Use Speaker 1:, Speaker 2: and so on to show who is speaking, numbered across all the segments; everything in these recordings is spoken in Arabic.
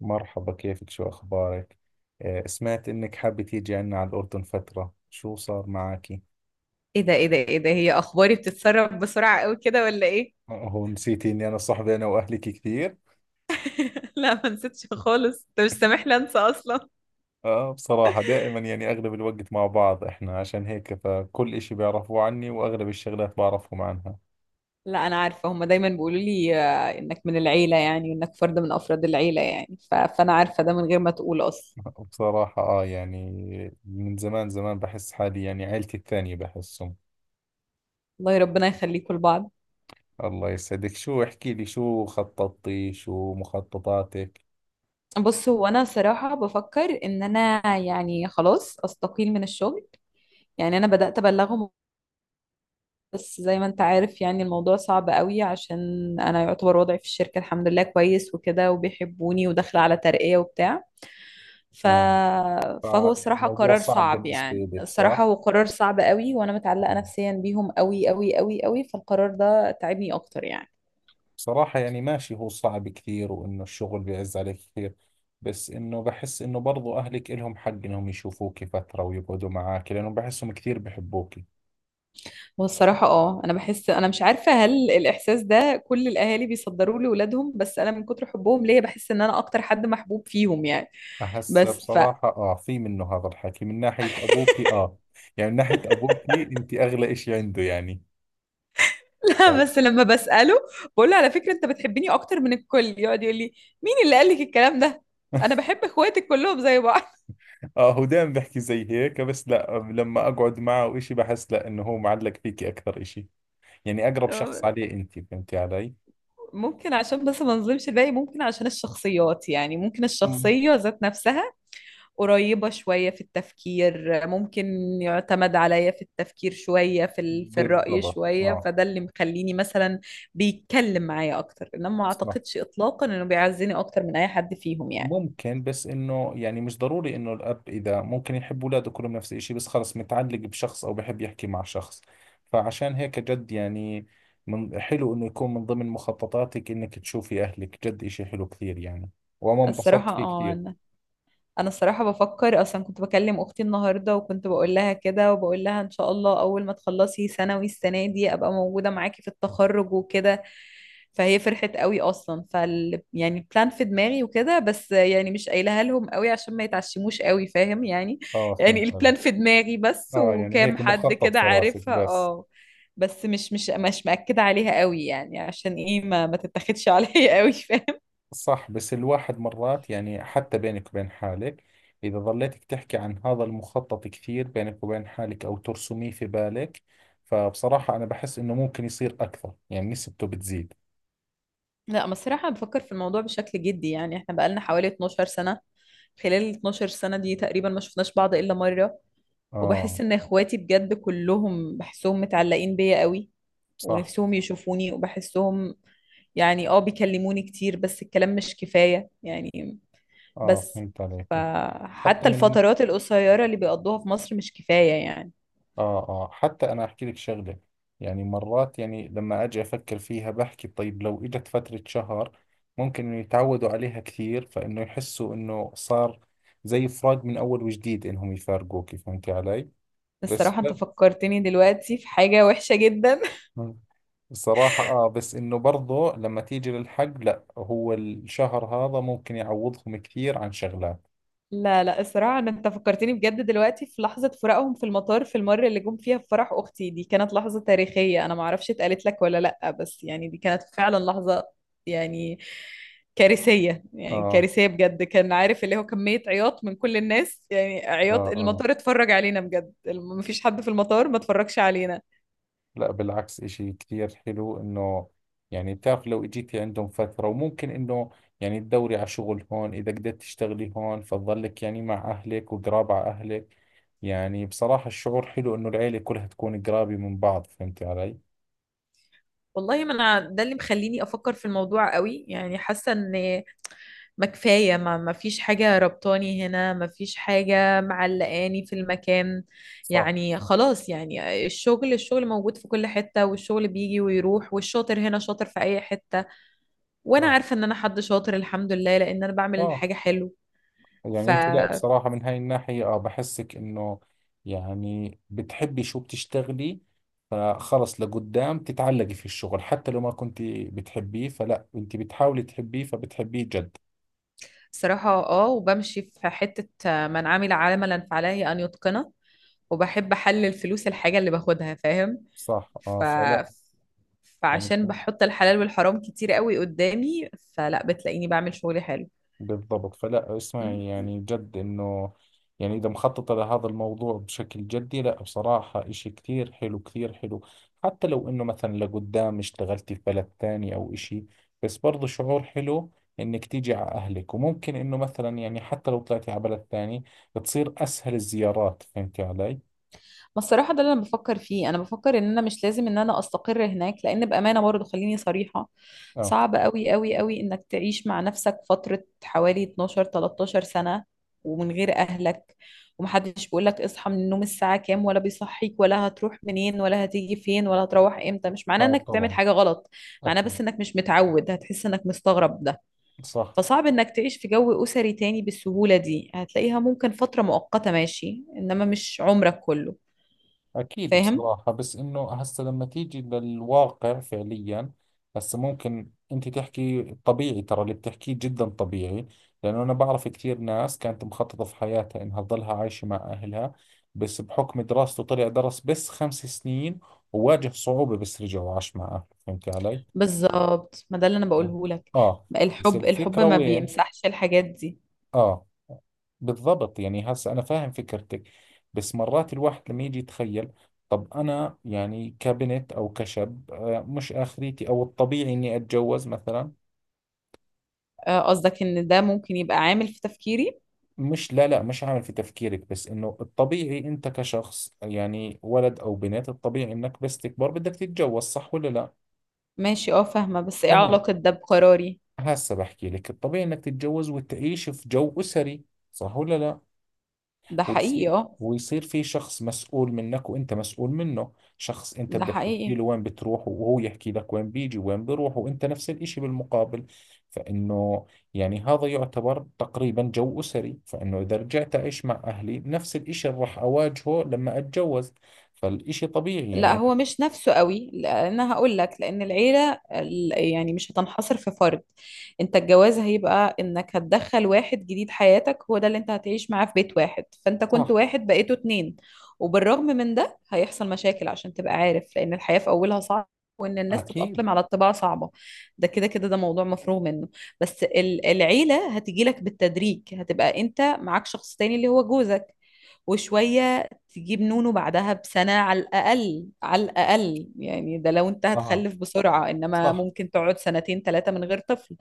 Speaker 1: مرحبا، كيفك؟ شو أخبارك؟ آه، سمعت إنك حابة تيجي عنا على الأردن فترة. شو صار معاكي؟
Speaker 2: ايه ده ايه ده ايه ده هي اخباري بتتسرب بسرعة قوي كده ولا ايه؟
Speaker 1: آه، هو نسيتي إني أنا صاحبي أنا وأهلك كثير؟
Speaker 2: لا ما نسيتش خالص، انت مش سامح لي انسى اصلا.
Speaker 1: آه، بصراحة دائما يعني أغلب الوقت مع بعض إحنا، عشان هيك فكل إشي بيعرفوه عني وأغلب الشغلات بعرفهم عنها.
Speaker 2: لا انا عارفة، هما دايما بيقولوا لي آه، انك من العيلة يعني، وانك فرد من افراد العيلة يعني. فانا عارفة ده من غير ما تقول اصلا.
Speaker 1: بصراحة آه يعني، من زمان بحس حالي يعني عيلتي الثانية بحسهم.
Speaker 2: الله ربنا يخليكم لبعض.
Speaker 1: الله يسعدك. شو احكي لي، شو خططتي؟ شو مخططاتك؟
Speaker 2: بص، هو انا صراحة بفكر ان انا يعني خلاص استقيل من الشغل. يعني انا بدأت ابلغهم. بس زي ما انت عارف يعني الموضوع صعب قوي، عشان انا يعتبر وضعي في الشركة الحمد لله كويس وكده، وبيحبوني وداخلة على ترقية وبتاع. ف...
Speaker 1: آه،
Speaker 2: فهو
Speaker 1: فيعني
Speaker 2: الصراحة
Speaker 1: الموضوع
Speaker 2: قرار
Speaker 1: صعب
Speaker 2: صعب،
Speaker 1: بالنسبة
Speaker 2: يعني
Speaker 1: لك،
Speaker 2: الصراحة
Speaker 1: صح؟
Speaker 2: هو قرار صعب قوي، وأنا متعلقة
Speaker 1: آه.
Speaker 2: نفسيا بيهم قوي قوي قوي قوي، فالقرار ده تعبني أكتر يعني.
Speaker 1: صراحة يعني ماشي، هو صعب كثير وإنه الشغل بيعز عليك كثير، بس إنه بحس إنه برضو أهلك إلهم حق إنهم يشوفوك فترة ويقعدوا معاك، لأنه بحسهم كثير بحبوك.
Speaker 2: والصراحة اه أنا بحس، أنا مش عارفة هل الإحساس ده كل الأهالي بيصدروه لأولادهم، بس أنا من كتر حبهم ليا بحس إن أنا أكتر حد محبوب فيهم يعني.
Speaker 1: فهسه
Speaker 2: بس ف
Speaker 1: بصراحة آه في منه هذا الحكي من ناحية أبوك، آه يعني من ناحية أبوك أنت أغلى إشي عنده يعني. ف-
Speaker 2: لا، بس لما بسأله بقول له على فكرة أنت بتحبني أكتر من الكل، يقعد يقول لي مين اللي قال لك الكلام ده؟ أنا بحب إخواتك كلهم زي
Speaker 1: آه، هو دائما بحكي زي هيك، بس لا لما أقعد معه وإشي بحس لا إنه هو معلق فيكي أكثر إشي، يعني أقرب شخص
Speaker 2: بعض.
Speaker 1: عليه أنت، فهمتي علي؟
Speaker 2: ممكن عشان بس ما نظلمش الباقي، ممكن عشان الشخصيات يعني، ممكن
Speaker 1: مم.
Speaker 2: الشخصية ذات نفسها قريبة شوية في التفكير، ممكن يعتمد عليا في التفكير شوية، في في الرأي
Speaker 1: بالضبط.
Speaker 2: شوية،
Speaker 1: آه،
Speaker 2: فده اللي مخليني مثلا بيتكلم معايا أكتر. إنما ما
Speaker 1: صح.
Speaker 2: أعتقدش إطلاقا إنه بيعزني أكتر من أي حد فيهم يعني.
Speaker 1: ممكن، بس انه يعني مش ضروري انه الاب، اذا ممكن يحب اولاده كلهم نفس الشيء، بس خلص متعلق بشخص او بحب يحكي مع شخص. فعشان هيك جد يعني، من حلو انه يكون من ضمن مخططاتك انك تشوفي اهلك، جد اشي حلو كثير يعني. وانا انبسطت
Speaker 2: الصراحة
Speaker 1: فيه
Speaker 2: اه،
Speaker 1: كثير.
Speaker 2: انا الصراحه بفكر اصلا. كنت بكلم اختي النهارده وكنت بقول لها كده، وبقول لها ان شاء الله اول ما تخلصي ثانوي السنه دي ابقى موجوده معاكي في التخرج وكده. فهي فرحت قوي اصلا، فال يعني بلان في دماغي وكده، بس يعني مش قايلها لهم قوي عشان ما يتعشموش قوي، فاهم يعني.
Speaker 1: اه
Speaker 2: يعني
Speaker 1: فهمت
Speaker 2: البلان
Speaker 1: عليك.
Speaker 2: في دماغي بس،
Speaker 1: اه يعني
Speaker 2: وكام
Speaker 1: هيك
Speaker 2: حد
Speaker 1: مخطط
Speaker 2: كده
Speaker 1: في راسك
Speaker 2: عارفها
Speaker 1: بس.
Speaker 2: اه. بس مش مأكدة عليها قوي يعني، عشان ايه ما تتاخدش عليا قوي.
Speaker 1: صح، بس الواحد مرات يعني حتى بينك وبين حالك، إذا ظليتك تحكي عن هذا المخطط كثير بينك وبين حالك أو ترسميه في بالك، فبصراحة أنا بحس إنه ممكن يصير أكثر، يعني نسبته بتزيد.
Speaker 2: لا انا الصراحة بفكر في الموضوع بشكل جدي، يعني احنا بقالنا حوالي 12 سنة. خلال ال 12 سنة دي تقريبا ما شفناش بعض إلا مرة،
Speaker 1: آه.
Speaker 2: وبحس إن إخواتي بجد كلهم بحسهم متعلقين بيا قوي،
Speaker 1: صح.
Speaker 2: ونفسهم يشوفوني وبحسهم. يعني اه بيكلموني كتير بس الكلام مش كفاية يعني.
Speaker 1: آه،
Speaker 2: بس
Speaker 1: فهمت عليك. حتى
Speaker 2: فحتى
Speaker 1: من،
Speaker 2: الفترات القصيرة اللي بيقضوها في مصر مش كفاية يعني.
Speaker 1: آه آه، حتى أنا أحكي لك شغلة، يعني مرات يعني لما أجي أفكر فيها بحكي: طيب لو إجت فترة شهر، ممكن إنه يتعودوا عليها كثير، فإنه يحسوا إنه صار زي فراق من أول وجديد إنهم يفارقوك، فهمتي علي؟ بس
Speaker 2: الصراحة انت
Speaker 1: لا.
Speaker 2: فكرتني دلوقتي في حاجة وحشة جدا.
Speaker 1: مم. بصراحة آه، بس إنه برضو لما تيجي للحق لا، هو الشهر هذا ممكن يعوضهم كثير عن شغلات.
Speaker 2: لا لا، الصراحة أنا أنت فكرتني بجد دلوقتي في لحظة فراقهم في المطار، في المرة اللي جم فيها في فرح أختي دي، كانت لحظة تاريخية. أنا معرفش اتقالت لك ولا لأ، بس يعني دي كانت فعلا لحظة يعني كارثية، يعني
Speaker 1: آه
Speaker 2: كارثية بجد. كان عارف اللي هو كمية عياط من كل الناس، يعني
Speaker 1: آه
Speaker 2: عياط،
Speaker 1: آه،
Speaker 2: المطار اتفرج علينا بجد. مفيش حد في المطار ما اتفرجش علينا.
Speaker 1: لا بالعكس إشي كثير حلو إنه، يعني بتعرف لو إجيتي عندهم فترة وممكن إنه يعني تدوري على شغل هون، إذا قدرت تشتغلي هون فتظلك يعني مع أهلك وقراب على أهلك، يعني بصراحة الشعور حلو إنه العيلة كلها تكون قرابة من بعض، فهمتي علي؟
Speaker 2: والله ما أنا ده اللي مخليني أفكر في الموضوع قوي، يعني حاسة إن ما كفاية، ما فيش حاجة ربطاني هنا، ما فيش حاجة معلقاني في المكان.
Speaker 1: صح.
Speaker 2: يعني خلاص، يعني الشغل، الشغل موجود في كل حتة، والشغل بيجي ويروح، والشاطر هنا شاطر في أي حتة. وأنا
Speaker 1: آه
Speaker 2: عارفة إن أنا حد شاطر الحمد لله، لأن أنا بعمل
Speaker 1: آه.
Speaker 2: الحاجة حلو.
Speaker 1: يعني انت لا
Speaker 2: فصراحة
Speaker 1: بصراحة من هاي الناحية، اه بحسك انه يعني بتحبي شو بتشتغلي، فخلص لقدام تتعلقي في الشغل، حتى لو ما كنت بتحبيه فلا انت بتحاولي تحبيه فبتحبيه جد.
Speaker 2: اه، وبمشي في حتة من عمل عملا فعليه أن يتقنه، وبحب أحلل فلوس الحاجة اللي باخدها، فاهم.
Speaker 1: صح. اه
Speaker 2: ف...
Speaker 1: فلا يعني،
Speaker 2: فعشان بحط الحلال والحرام كتير قوي قدامي، فلا بتلاقيني بعمل شغلي حلو.
Speaker 1: بالضبط. فلا
Speaker 2: مم.
Speaker 1: اسمعي، يعني جد انه يعني اذا مخططة لهذا الموضوع بشكل جدي، لا بصراحة اشي كثير حلو، كثير حلو. حتى لو انه مثلا لقدام اشتغلتي في بلد ثاني او اشي، بس برضو شعور حلو انك تيجي على اهلك، وممكن انه مثلا يعني حتى لو طلعتي على بلد ثاني بتصير اسهل الزيارات، فهمتي علي؟
Speaker 2: ما الصراحة ده اللي أنا بفكر فيه. أنا بفكر إن أنا مش لازم إن أنا أستقر هناك، لأن بأمانة برضه خليني صريحة،
Speaker 1: اه
Speaker 2: صعب أوي أوي أوي إنك تعيش مع نفسك فترة حوالي 12 13 سنة ومن غير أهلك، ومحدش بيقولك اصحى من النوم الساعة كام، ولا بيصحيك، ولا هتروح منين، ولا هتيجي فين، ولا هتروح إمتى. مش معناه
Speaker 1: اه،
Speaker 2: إنك بتعمل
Speaker 1: طبعا.
Speaker 2: حاجة غلط، معناه
Speaker 1: اكيد.
Speaker 2: بس إنك مش متعود، هتحس إنك مستغرب.
Speaker 1: صح.
Speaker 2: فصعب انك تعيش في جو اسري تاني بالسهولة دي، هتلاقيها ممكن فترة مؤقتة ماشي، انما مش عمرك كله،
Speaker 1: أكيد
Speaker 2: فاهم.
Speaker 1: بصراحة، بس إنه هسا لما تيجي للواقع فعليا، هسا ممكن أنت تحكي طبيعي، ترى اللي بتحكيه جدا طبيعي، لأنه أنا بعرف كثير ناس كانت مخططة في حياتها إنها تضلها عايشة مع أهلها، بس بحكم دراسته طلع درس بس خمس سنين وواجه صعوبة، بس رجع وعاش مع أهله، فهمت علي؟
Speaker 2: بالظبط، ما ده اللي انا بقوله لك.
Speaker 1: آه. بس
Speaker 2: الحب، الحب
Speaker 1: الفكرة
Speaker 2: ما
Speaker 1: وين؟
Speaker 2: بيمسحش الحاجات دي.
Speaker 1: اه، بالضبط. يعني هسه أنا فاهم فكرتك، بس مرات الواحد لما يجي يتخيل: طب أنا يعني كبنت أو كشاب آه، مش آخريتي أو الطبيعي إني أتجوز مثلا.
Speaker 2: آه، قصدك ان ده ممكن يبقى عامل في تفكيري.
Speaker 1: مش لا مش عامل في تفكيرك، بس إنه الطبيعي أنت كشخص يعني ولد أو بنت، الطبيعي إنك بس تكبر بدك تتجوز، صح ولا لا؟
Speaker 2: ماشي اه فاهمة، بس ايه
Speaker 1: تمام.
Speaker 2: علاقة ده بقراري.
Speaker 1: هسه بحكي لك الطبيعي إنك تتجوز وتعيش في جو أسري، صح ولا لا؟
Speaker 2: ده
Speaker 1: ويصير،
Speaker 2: حقيقي اه.
Speaker 1: ويصير في شخص مسؤول منك وانت مسؤول منه، شخص انت
Speaker 2: ده
Speaker 1: بدك تحكي
Speaker 2: حقيقي.
Speaker 1: له وين بتروح وهو يحكي لك وين بيجي وين بيروح، وانت نفس الاشي بالمقابل. فانه يعني هذا يعتبر تقريبا جو اسري، فانه اذا رجعت اعيش مع اهلي نفس الاشي اللي راح اواجهه لما اتجوز، فالاشي طبيعي
Speaker 2: لا
Speaker 1: يعني.
Speaker 2: هو مش نفسه قوي، لان هقول لك، لان العيله يعني مش هتنحصر في فرد. انت الجواز هيبقى انك هتدخل واحد جديد حياتك، هو ده اللي انت هتعيش معاه في بيت واحد. فانت كنت
Speaker 1: صح.
Speaker 2: واحد بقيتوا اتنين، وبالرغم من ده هيحصل مشاكل عشان تبقى عارف، لان الحياه في اولها صعبه، وان الناس
Speaker 1: اكيد.
Speaker 2: تتاقلم على الطباع صعبه. ده كده كده، ده موضوع مفروغ منه. بس العيله هتجي لك بالتدريج، هتبقى انت معاك شخص تاني اللي هو جوزك، وشوية تجيب نونو بعدها بسنة على الأقل، على الأقل يعني، ده لو أنت
Speaker 1: اه
Speaker 2: هتخلف بسرعة، إنما
Speaker 1: صح.
Speaker 2: ممكن تقعد سنتين ثلاثة من غير طفل،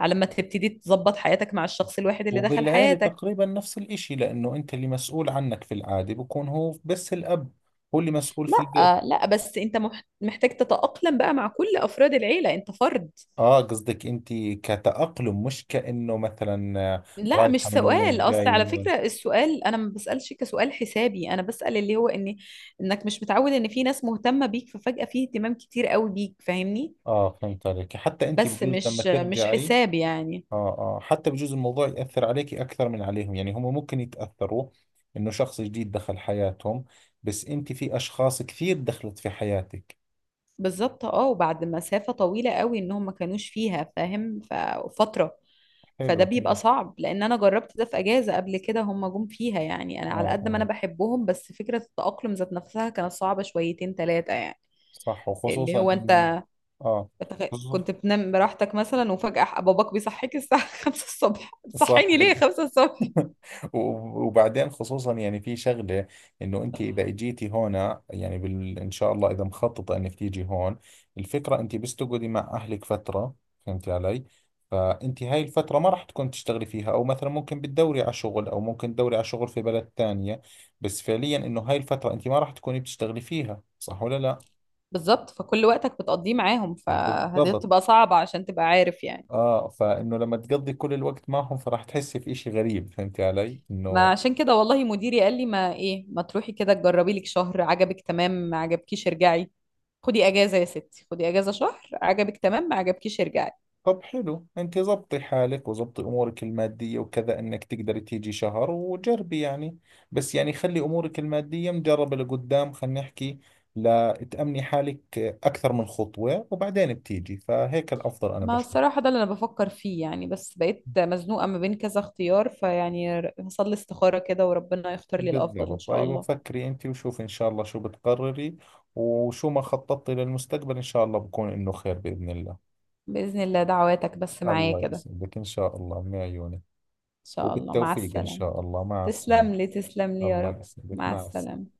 Speaker 2: على ما تبتدي تظبط حياتك مع الشخص الواحد اللي دخل
Speaker 1: وبالعيلة
Speaker 2: حياتك.
Speaker 1: تقريبا نفس الاشي، لانه انت اللي مسؤول عنك في العادة بكون هو بس الاب، هو اللي مسؤول في البيت.
Speaker 2: لا لا، بس أنت محتاج تتأقلم بقى مع كل أفراد العيلة، أنت فرد.
Speaker 1: اه قصدك انت كتأقلم، مش كأنه مثلا آه،
Speaker 2: لا مش
Speaker 1: رايحة من
Speaker 2: سؤال،
Speaker 1: وين،
Speaker 2: أصل
Speaker 1: جاي
Speaker 2: على
Speaker 1: من وين.
Speaker 2: فكرة السؤال أنا ما بسألش كسؤال حسابي، أنا بسأل اللي هو إن إنك مش متعود إن في ناس مهتمة بيك، ففجأة في اهتمام كتير قوي بيك، فاهمني.
Speaker 1: اه فهمت عليك. حتى انت
Speaker 2: بس
Speaker 1: بجوز لما
Speaker 2: مش، مش
Speaker 1: ترجعي،
Speaker 2: حساب يعني.
Speaker 1: اه اه، حتى بجوز الموضوع يأثر عليكي اكثر من عليهم، يعني هم ممكن يتأثروا انه شخص جديد دخل حياتهم، بس انت في اشخاص كثير دخلت في حياتك.
Speaker 2: بالظبط اه، وبعد مسافة طويلة قوي انهم ما كانوش فيها فاهم، ففترة فده
Speaker 1: حلو
Speaker 2: بيبقى
Speaker 1: حلو.
Speaker 2: صعب. لان انا جربت ده في اجازة قبل كده، هم جم فيها، يعني انا على
Speaker 1: اه
Speaker 2: قد ما انا
Speaker 1: اه،
Speaker 2: بحبهم، بس فكرة التأقلم ذات نفسها كانت صعبة شويتين ثلاثة يعني.
Speaker 1: صح.
Speaker 2: اللي
Speaker 1: وخصوصا
Speaker 2: هو
Speaker 1: انه،
Speaker 2: انت
Speaker 1: اه
Speaker 2: كنت
Speaker 1: خصوص-
Speaker 2: بتنام براحتك مثلا، وفجأة باباك بيصحيك الساعة 5 الصبح،
Speaker 1: صح.
Speaker 2: بتصحيني ليه 5 الصبح؟
Speaker 1: و- وبعدين خصوصا يعني في شغلة، انه انت اذا اجيتي هنا يعني ان شاء الله اذا مخططة انك تيجي هون، الفكرة انت بس تقعدي مع اهلك فترة، فهمتي علي؟ فانت هاي الفترة ما راح تكون تشتغلي فيها، او مثلا ممكن بتدوري على شغل او ممكن تدوري على شغل في بلد ثانية، بس فعليا انه هاي الفترة انت ما راح تكوني بتشتغلي فيها، صح ولا لا؟
Speaker 2: بالظبط، فكل وقتك بتقضيه معاهم، فدي
Speaker 1: بالضبط.
Speaker 2: بتبقى صعبة عشان تبقى عارف يعني.
Speaker 1: اه، فانه لما تقضي كل الوقت معهم فراح تحسي في اشي غريب، فهمتي علي
Speaker 2: ما
Speaker 1: انه.
Speaker 2: عشان كده والله مديري قال لي، ما ايه ما تروحي كده تجربي لك شهر، عجبك تمام، ما عجبكيش ارجعي، خدي اجازة يا ستي، خدي اجازة شهر، عجبك تمام، ما عجبكيش ارجعي.
Speaker 1: طب حلو، انت ضبطي حالك وضبطي امورك الماديه وكذا انك تقدري تيجي شهر وجربي يعني، بس يعني خلي امورك الماديه مجربه لقدام، خلينا نحكي لا تامني حالك اكثر من خطوه وبعدين بتيجي، فهيك الافضل انا
Speaker 2: ما
Speaker 1: بشوف.
Speaker 2: الصراحة ده اللي انا بفكر فيه يعني، بس بقيت مزنوقة ما بين كذا اختيار. فيعني هصلي استخارة كده وربنا يختار لي الافضل ان
Speaker 1: بالضبط.
Speaker 2: شاء
Speaker 1: ايوه
Speaker 2: الله.
Speaker 1: فكري انت وشوفي ان شاء الله شو بتقرري، وشو ما خططتي للمستقبل ان شاء الله بكون انه خير باذن الله.
Speaker 2: بإذن الله، دعواتك بس معايا
Speaker 1: الله
Speaker 2: كده ان
Speaker 1: يسعدك، ان شاء الله من عيونك.
Speaker 2: شاء الله. مع
Speaker 1: وبالتوفيق ان
Speaker 2: السلامة.
Speaker 1: شاء الله، مع السلامه.
Speaker 2: تسلم لي تسلم لي يا
Speaker 1: الله
Speaker 2: رب.
Speaker 1: يسعدك،
Speaker 2: مع
Speaker 1: مع
Speaker 2: السلامة.
Speaker 1: السلامه.